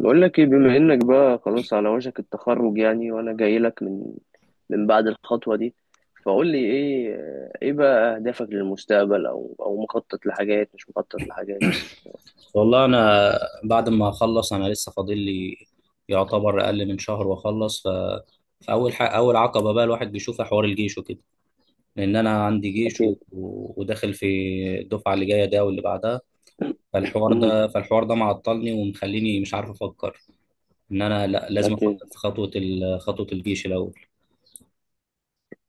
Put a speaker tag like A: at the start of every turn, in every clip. A: بقول لك ايه؟ بما انك بقى خلاص على وشك التخرج يعني وانا جاي لك من بعد الخطوة دي. فقول لي ايه، ايه بقى اهدافك للمستقبل؟ او مخطط لحاجات مش مخطط لحاجات؟
B: والله انا بعد ما اخلص انا لسه فاضل لي يعتبر اقل من شهر واخلص، فاول حق اول عقبه بقى الواحد بيشوفها حوار الجيش وكده. لان انا عندي جيش و...
A: اكيد.
B: و- وداخل في الدفعه اللي جايه ده واللي بعدها. فالحوار
A: امم.
B: ده فالحوار ده معطلني ومخليني مش عارف افكر ان انا لا لازم
A: اكيد.
B: افكر في خطوه الجيش الاول.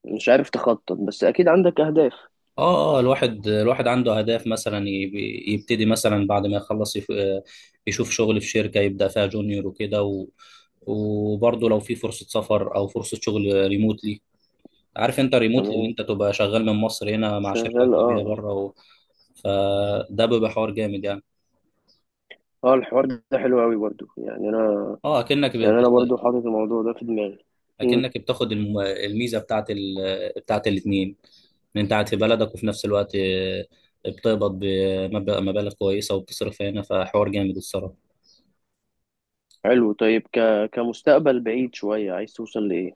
A: مش عارف تخطط بس اكيد عندك اهداف.
B: اه، الواحد عنده اهداف، مثلا يبتدي مثلا بعد ما يخلص يشوف شغل في شركة يبدأ فيها جونيور وكده، و... وبرضه لو في فرصة سفر او فرصة شغل ريموتلي. عارف انت ريموتلي اللي
A: تمام.
B: انت تبقى شغال من مصر هنا مع شركة
A: شغال. اه،
B: اجنبية
A: اه.
B: بره، و... فده بيبقى حوار جامد يعني.
A: آه، الحوار ده حلو قوي برضو، يعني انا.
B: اه اكنك
A: يعني انا
B: بتست...
A: برضو حاطط الموضوع ده في دماغي. امم.
B: اكنك بتاخد الميزة بتاعت بتاعت الاتنين، ان انت قاعد في بلدك وفي نفس الوقت، بتقبض مبالغ كويسة وبتصرف هنا، فحوار جامد الصراحة.
A: حلو. طيب، كمستقبل بعيد شوية عايز توصل لايه؟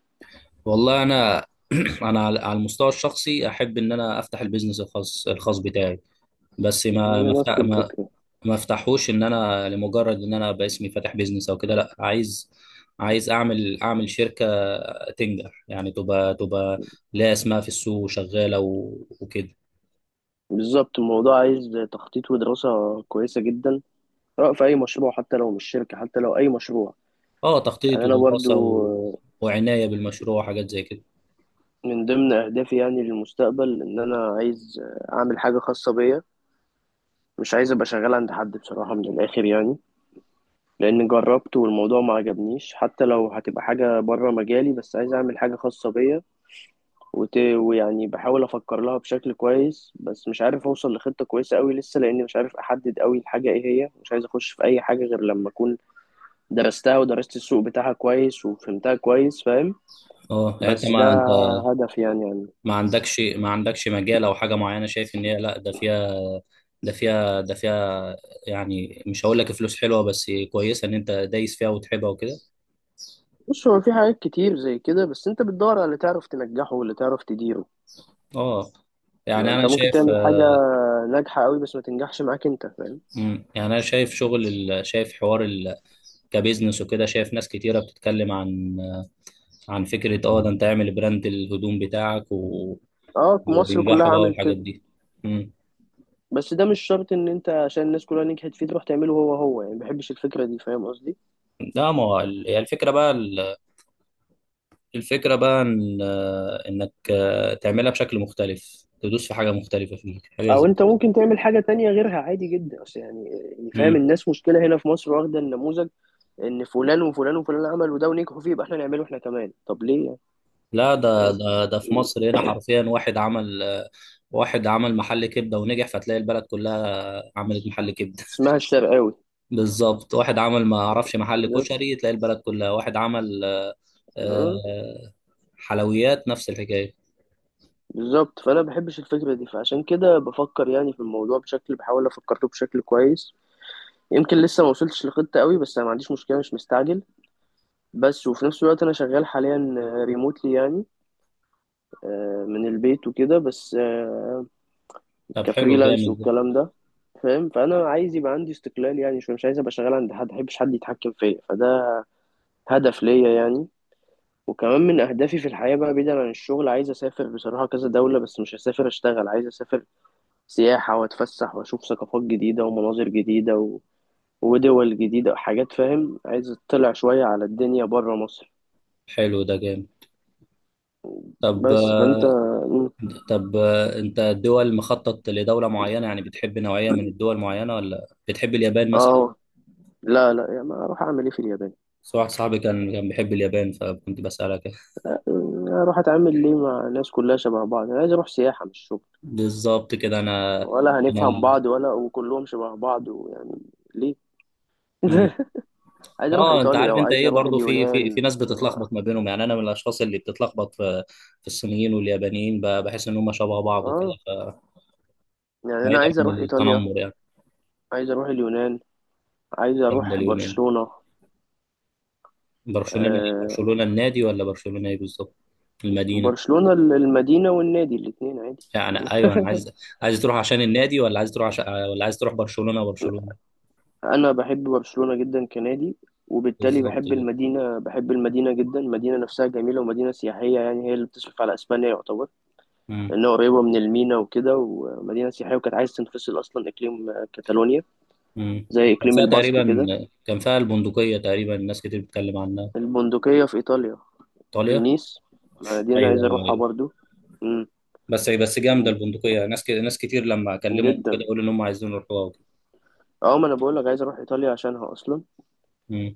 B: والله انا انا على المستوى الشخصي احب ان انا افتح البيزنس الخاص بتاعي. بس
A: يعني
B: ما ما
A: انا نفس
B: أفتح- ما
A: الفكرة.
B: ما افتحوش ان انا لمجرد ان انا باسمي فاتح بيزنس او كده. لا، عايز اعمل شركه تنجح، يعني تبقى ليها اسمها في السوق وشغاله، وكده.
A: بالظبط، الموضوع عايز تخطيط ودراسة كويسة جدا. سواء في أي مشروع، حتى لو مش شركة، حتى لو أي مشروع.
B: اه، تخطيط
A: يعني أنا برضو،
B: ودراسه وعنايه بالمشروع وحاجات زي كده.
A: من ضمن أهدافي يعني للمستقبل، إن أنا عايز أعمل حاجة خاصة بيا. مش عايز أبقى شغال عند حد بصراحة، من الآخر يعني. لأن جربت والموضوع ما عجبنيش، حتى لو هتبقى حاجة بره مجالي، بس عايز أعمل حاجة خاصة بيا. ويعني بحاول أفكر لها بشكل كويس، بس مش عارف أوصل لخطة كويسة أوي لسه، لأني مش عارف أحدد أوي الحاجة إيه هي. مش عايز أخش في أي حاجة غير لما أكون درستها ودرست السوق بتاعها كويس وفهمتها كويس، فاهم؟
B: اه يعني انت،
A: بس ده
B: ما انت
A: هدف يعني
B: ما عندكش مجال او حاجه معينه شايف ان هي، لا ده فيها ده فيها ده فيها يعني مش هقول لك فلوس حلوه بس كويسه، ان انت دايس فيها وتحبها وكده.
A: بص، هو في حاجات كتير زي كده، بس انت بتدور على اللي تعرف تنجحه واللي تعرف تديره.
B: اه
A: ما
B: يعني
A: انت
B: انا
A: ممكن
B: شايف.
A: تعمل حاجة ناجحة قوي بس ما تنجحش معاك، انت فاهم؟
B: يعني انا شايف كبزنس وكده. شايف ناس كتيره بتتكلم عن فكره، اه ده انت اعمل براند الهدوم بتاعك
A: اه، مصر كلها
B: وينجحوا بقى
A: عملت
B: والحاجات
A: كده.
B: دي. مم.
A: بس ده مش شرط ان انت عشان الناس كلها نجحت فيه تروح تعمله هو هو، يعني ما بحبش الفكرة دي، فاهم قصدي؟
B: لا، ما هو ال- هي الفكره بقى الفكرة بقى إن، إنك تعملها بشكل مختلف، تدوس في حاجة مختلفة، فيه حاجة
A: او
B: زي
A: انت
B: كده.
A: ممكن تعمل حاجة تانية غيرها عادي جدا، اصل يعني فاهم،
B: مم.
A: الناس مشكلة هنا في مصر واخدة النموذج. ان فلان وفلان وفلان عملوا ده ونجحوا فيه، يبقى احنا نعمله احنا كمان، طب ليه يعني؟
B: لا ده
A: فاهم.
B: ده ده في مصر هنا حرفيا، واحد عمل محل كبدة ونجح، فتلاقي البلد كلها عملت محل كبدة.
A: اسمها الشرقاوي.
B: بالظبط، واحد عمل، ما أعرفش، محل
A: بالظبط.
B: كشري، تلاقي البلد كلها. واحد عمل
A: آه،
B: آه، حلويات، نفس الحكاية.
A: بالظبط، فانا بحبش الفكره دي، فعشان كده بفكر يعني في الموضوع بشكل، بحاول افكر له بشكل كويس. يمكن لسه ما وصلتش لخطه قوي، بس انا ما عنديش مشكله، مش مستعجل. بس وفي نفس الوقت انا شغال حاليا ريموتلي يعني، من البيت وكده، بس
B: طب حلو
A: كفريلانس
B: جامد ده.
A: والكلام ده، فاهم. فانا عايز يبقى عندي استقلال يعني شويه، مش عايز ابقى شغال عند حد، ما بحبش حد يتحكم فيا، فده هدف ليا يعني. وكمان من أهدافي في الحياة بقى، بعيدا عن الشغل، عايز أسافر بصراحة كذا دولة، بس مش هسافر أشتغل، عايز أسافر سياحة وأتفسح وأشوف ثقافات جديدة ومناظر جديدة ودول جديدة، حاجات، فاهم. عايز أطلع شوية على الدنيا برا مصر.
B: حلو ده جامد. طب
A: بس
B: آه،
A: فأنت. مم.
B: طب، انت الدول مخطط لدولة معينة؟ يعني بتحب نوعية من الدول معينة، ولا بتحب اليابان مثلا؟
A: آه، لا، لا، يعني ما أروح أعمل إيه في اليابان؟
B: بس واحد صاحبي كان بيحب اليابان، فكنت بسألك.
A: يعني أروح أتعامل ليه مع ناس كلها شبه بعض؟ أنا عايز أروح سياحة مش شغل.
B: بالظبط كده. انا
A: ولا
B: انا
A: هنفهم
B: ال...
A: بعض، ولا وكلهم شبه بعض، ويعني ليه؟
B: مم.
A: عايز أروح
B: اه، انت
A: إيطاليا،
B: عارف انت
A: وعايز
B: ايه؟
A: أروح
B: برضو في
A: اليونان
B: ناس
A: و...
B: بتتلخبط ما بينهم. يعني انا من الاشخاص اللي بتتلخبط في الصينيين واليابانيين، بحس ان هم شبه بعض وكده،
A: آه يعني انا
B: فبعيدا
A: عايز
B: عن
A: اروح ايطاليا،
B: التنمر يعني،
A: عايز اروح اليونان، عايز
B: الكلام ده
A: اروح
B: اليومين.
A: برشلونة.
B: برشلونة،
A: آه،
B: برشلونة النادي ولا برشلونة ايه بالظبط؟ المدينة.
A: برشلونة المدينة والنادي الاتنين عادي.
B: يعني ايوه، انا عايز، عايز تروح عشان النادي ولا عايز تروح عشان، ولا عايز تروح برشلونه برشلونه؟
A: انا بحب برشلونة جدا كنادي، وبالتالي
B: بالظبط كده.
A: بحب المدينة جدا. المدينة نفسها جميلة ومدينة سياحية، يعني هي اللي بتصرف على اسبانيا يعتبر.
B: امم
A: لانها قريبة من المينا وكده، ومدينة سياحية، وكانت عايز تنفصل اصلا، اقليم كاتالونيا. زي
B: وكان
A: اقليم
B: فيها
A: الباسك
B: تقريبا،
A: كده.
B: كان فيها البندقيه تقريبا، ناس كتير بتتكلم عنها.
A: البندقية في ايطاليا،
B: ايطاليا.
A: فينيس، المدينة
B: ايوه
A: عايز
B: ايوه
A: اروحها
B: ايوه.
A: برضو. مم.
B: بس جامده البندقيه، ناس كتير لما اكلمهم كده
A: جدا.
B: يقولوا ان هم عايزين يروحوها وكده.
A: اه، ما انا بقول لك عايز اروح ايطاليا عشانها اصلا.
B: امم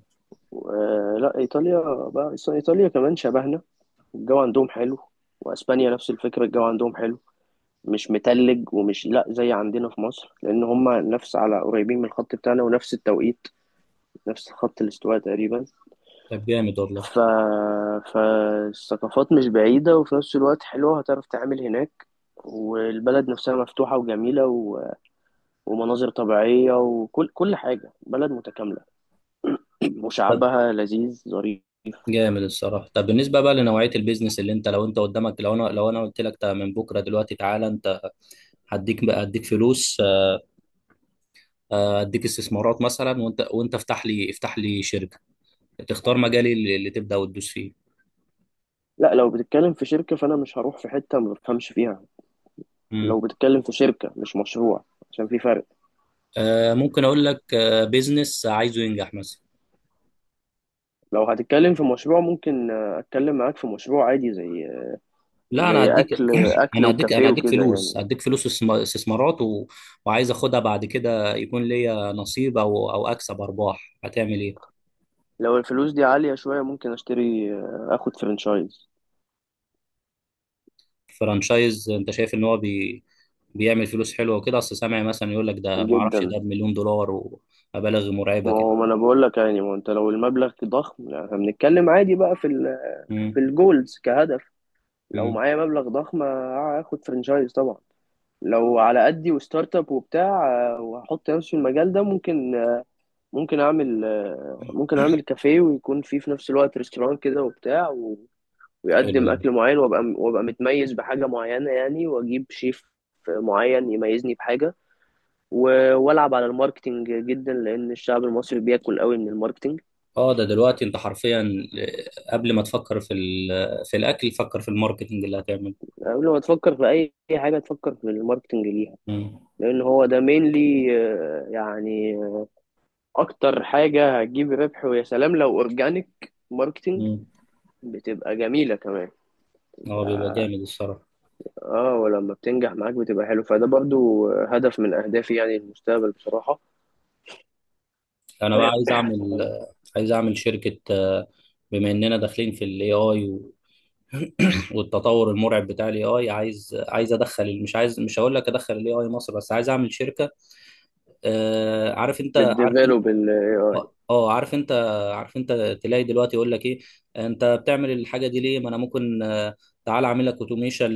A: لا، ايطاليا بقى أصل ايطاليا كمان شبهنا. الجو عندهم حلو. واسبانيا نفس الفكره، الجو عندهم حلو. مش متلج ومش لا زي عندنا في مصر، لان هم نفس على قريبين من الخط بتاعنا، ونفس التوقيت. نفس خط الاستواء تقريبا.
B: طب جامد والله.
A: ف... فالثقافات مش بعيده، وفي نفس الوقت حلوه هتعرف تعمل هناك. والبلد نفسها مفتوحه وجميله ومناظر طبيعيه، وكل حاجه، بلد متكامله.
B: طب
A: وشعبها لذيذ ظريف.
B: جامد الصراحه. طب بالنسبه بقى لنوعيه البيزنس، اللي انت، لو انت قدامك، لو انا قلت لك، طب من بكره دلوقتي تعالى انت، هديك فلوس، اديك استثمارات مثلا، وانت افتح لي شركه تختار مجالي اللي تبدا وتدوس فيه.
A: لا، لو بتتكلم في شركة فأنا مش هروح في حتة ما بفهمش فيها. لو
B: مم.
A: بتتكلم في شركة مش مشروع، عشان في فرق.
B: ممكن اقول لك، بيزنس عايزه ينجح مثلا.
A: لو هتتكلم في مشروع، ممكن أتكلم معاك في مشروع عادي، زي
B: لا، انا
A: زي
B: هديك
A: أكل أكل
B: انا هديك انا
A: وكافيه
B: هديك
A: وكده
B: فلوس
A: يعني.
B: هديك فلوس استثمارات، وعايز اخدها بعد كده يكون ليا نصيب، او اكسب ارباح. هتعمل ايه؟
A: لو الفلوس دي عالية شوية، ممكن أشتري أخد فرنشايز.
B: فرانشايز. انت شايف ان هو بيعمل فلوس حلوه وكده؟ اصل سامع مثلا يقول لك، ده ما اعرفش، ده
A: جدا.
B: بمليون دولار ومبالغ مرعبه
A: ما
B: كده.
A: هو ما أنا بقول لك يعني، ما هو أنت لو المبلغ ضخم، لا، احنا بنتكلم عادي بقى في
B: مم.
A: الجولز كهدف. لو
B: مم.
A: معايا مبلغ ضخم، هاخد فرنشايز طبعا. لو على قدي وستارت اب وبتاع، وهحط نفسي في المجال ده، ممكن آه، ممكن اعمل آه، ممكن اعمل كافيه ويكون فيه في نفس الوقت ريستوران كده وبتاع
B: حلو
A: ويقدم
B: ده.
A: اكل معين، وابقى متميز بحاجه معينه يعني، واجيب شيف معين يميزني بحاجه. والعب على الماركتينج جدا، لان الشعب المصري بياكل قوي من الماركتينج.
B: اه، ده دلوقتي انت حرفيا، قبل ما تفكر في في الاكل، فكر في الماركتنج اللي هتعمله.
A: قبل ما تفكر في أي حاجه تفكر في الماركتنج ليها.
B: مم.
A: لان هو ده مينلي يعني، اكتر حاجة هتجيب ربح، ويا سلام لو اورجانيك ماركتينج
B: مم.
A: بتبقى جميلة كمان.
B: اه بيبقى جامد الصراحه.
A: اه ولما بتنجح معاك بتبقى حلو، فده برضو هدف من اهدافي يعني المستقبل بصراحة.
B: انا بقى عايز اعمل شركه، بما اننا داخلين في الاي اي، والتطور المرعب بتاع الاي اي، عايز ادخل، مش عايز، مش هقول لك ادخل الاي اي مصر، بس عايز اعمل شركه. آه، عارف انت عارف
A: بالديفلوب الاي اي.
B: عارف انت، تلاقي دلوقتي يقول لك ايه، انت بتعمل الحاجه دي ليه؟ ما انا ممكن، تعال اعمل لك اوتوميشن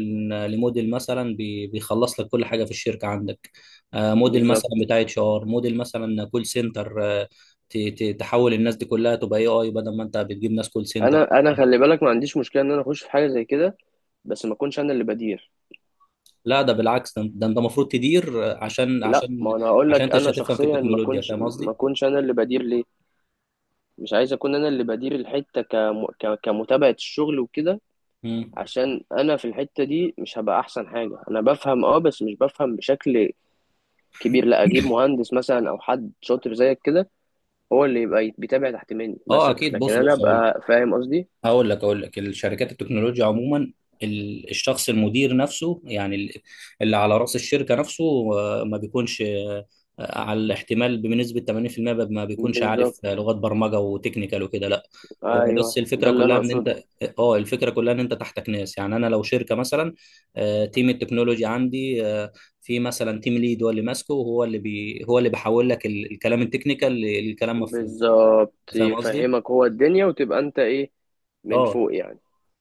B: لموديل مثلا بيخلص لك كل حاجه في الشركه عندك. موديل مثلا
A: بالظبط.
B: بتاع اتش ار، موديل مثلا كول سنتر، تحول الناس دي كلها تبقى اي اي، بدل ما انت بتجيب ناس كول سنتر.
A: انا خلي بالك، ما عنديش مشكله ان انا اخش في حاجه زي كده، بس ما اكونش انا اللي بدير.
B: لا، ده بالعكس، ده ده انت المفروض تدير،
A: لا، ما انا هقول
B: عشان
A: لك
B: انت مش
A: انا
B: هتفهم في
A: شخصيا ما
B: التكنولوجيا.
A: اكونش
B: فاهم
A: ما
B: قصدي؟
A: اكونش انا اللي بدير ليه. مش عايز اكون انا اللي بدير الحته، كمتابعه الشغل وكده.
B: مم.
A: عشان انا في الحتة دي مش هبقى احسن حاجة، انا بفهم اه بس مش بفهم بشكل كبير، لا اجيب مهندس مثلا او حد شاطر زيك كده. هو اللي يبقى بيتابع تحت مني
B: اه
A: مثلا،
B: اكيد.
A: لكن
B: بص
A: انا
B: بص،
A: ابقى، فاهم قصدي.
B: هقول لك، اقول لك الشركات التكنولوجيا عموما، الشخص المدير نفسه، يعني اللي على راس الشركه نفسه، ما بيكونش على الاحتمال بنسبه 80%، ما بيكونش عارف
A: بالظبط.
B: لغات برمجه وتكنيكال وكده، لا. هو
A: ايوه
B: بس
A: ده
B: الفكره
A: اللي
B: كلها
A: انا
B: ان
A: اقصده.
B: انت اه الفكره كلها ان انت تحتك ناس. يعني انا لو شركه مثلا، تيم التكنولوجي عندي، في مثلا تيم ليد، هو اللي ماسكه، وهو اللي بي هو اللي بيحول لك الكلام التكنيكال لكلام مفهوم.
A: بالظبط،
B: فاهم قصدي؟
A: يفهمك هو الدنيا، وتبقى انت ايه، من
B: اه،
A: فوق يعني.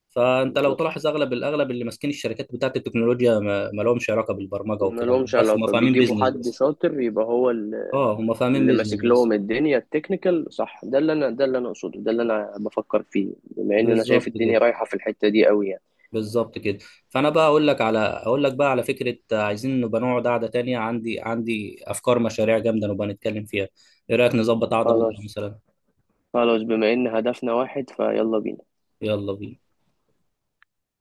B: فانت لو
A: بالظبط،
B: تلاحظ، اغلب اللي ماسكين الشركات بتاعت التكنولوجيا، ما لهمش علاقه بالبرمجه وكده. هم
A: ملهمش
B: بس، هم
A: علاقة،
B: فاهمين
A: بيجيبوا
B: بيزنس
A: حد
B: بس.
A: شاطر يبقى هو
B: اه، هم فاهمين
A: اللي
B: بيزنس
A: ماسك
B: بس.
A: لهم الدنيا التكنيكال، صح، ده اللي انا اقصده، ده اللي انا بفكر فيه، بما ان انا شايف
B: بالظبط
A: الدنيا
B: كده،
A: رايحة في الحتة دي قوي يعني.
B: بالظبط كده. فانا بقى اقول لك على، اقول لك بقى على فكره، عايزين نبقى نقعد قعده تانية، عندي افكار مشاريع جامده، نبقى نتكلم فيها. ايه رايك نظبط قعده بكره
A: خلاص،
B: مثلا؟
A: خلاص، بما ان هدفنا واحد، فيلا بينا.
B: يلا بينا.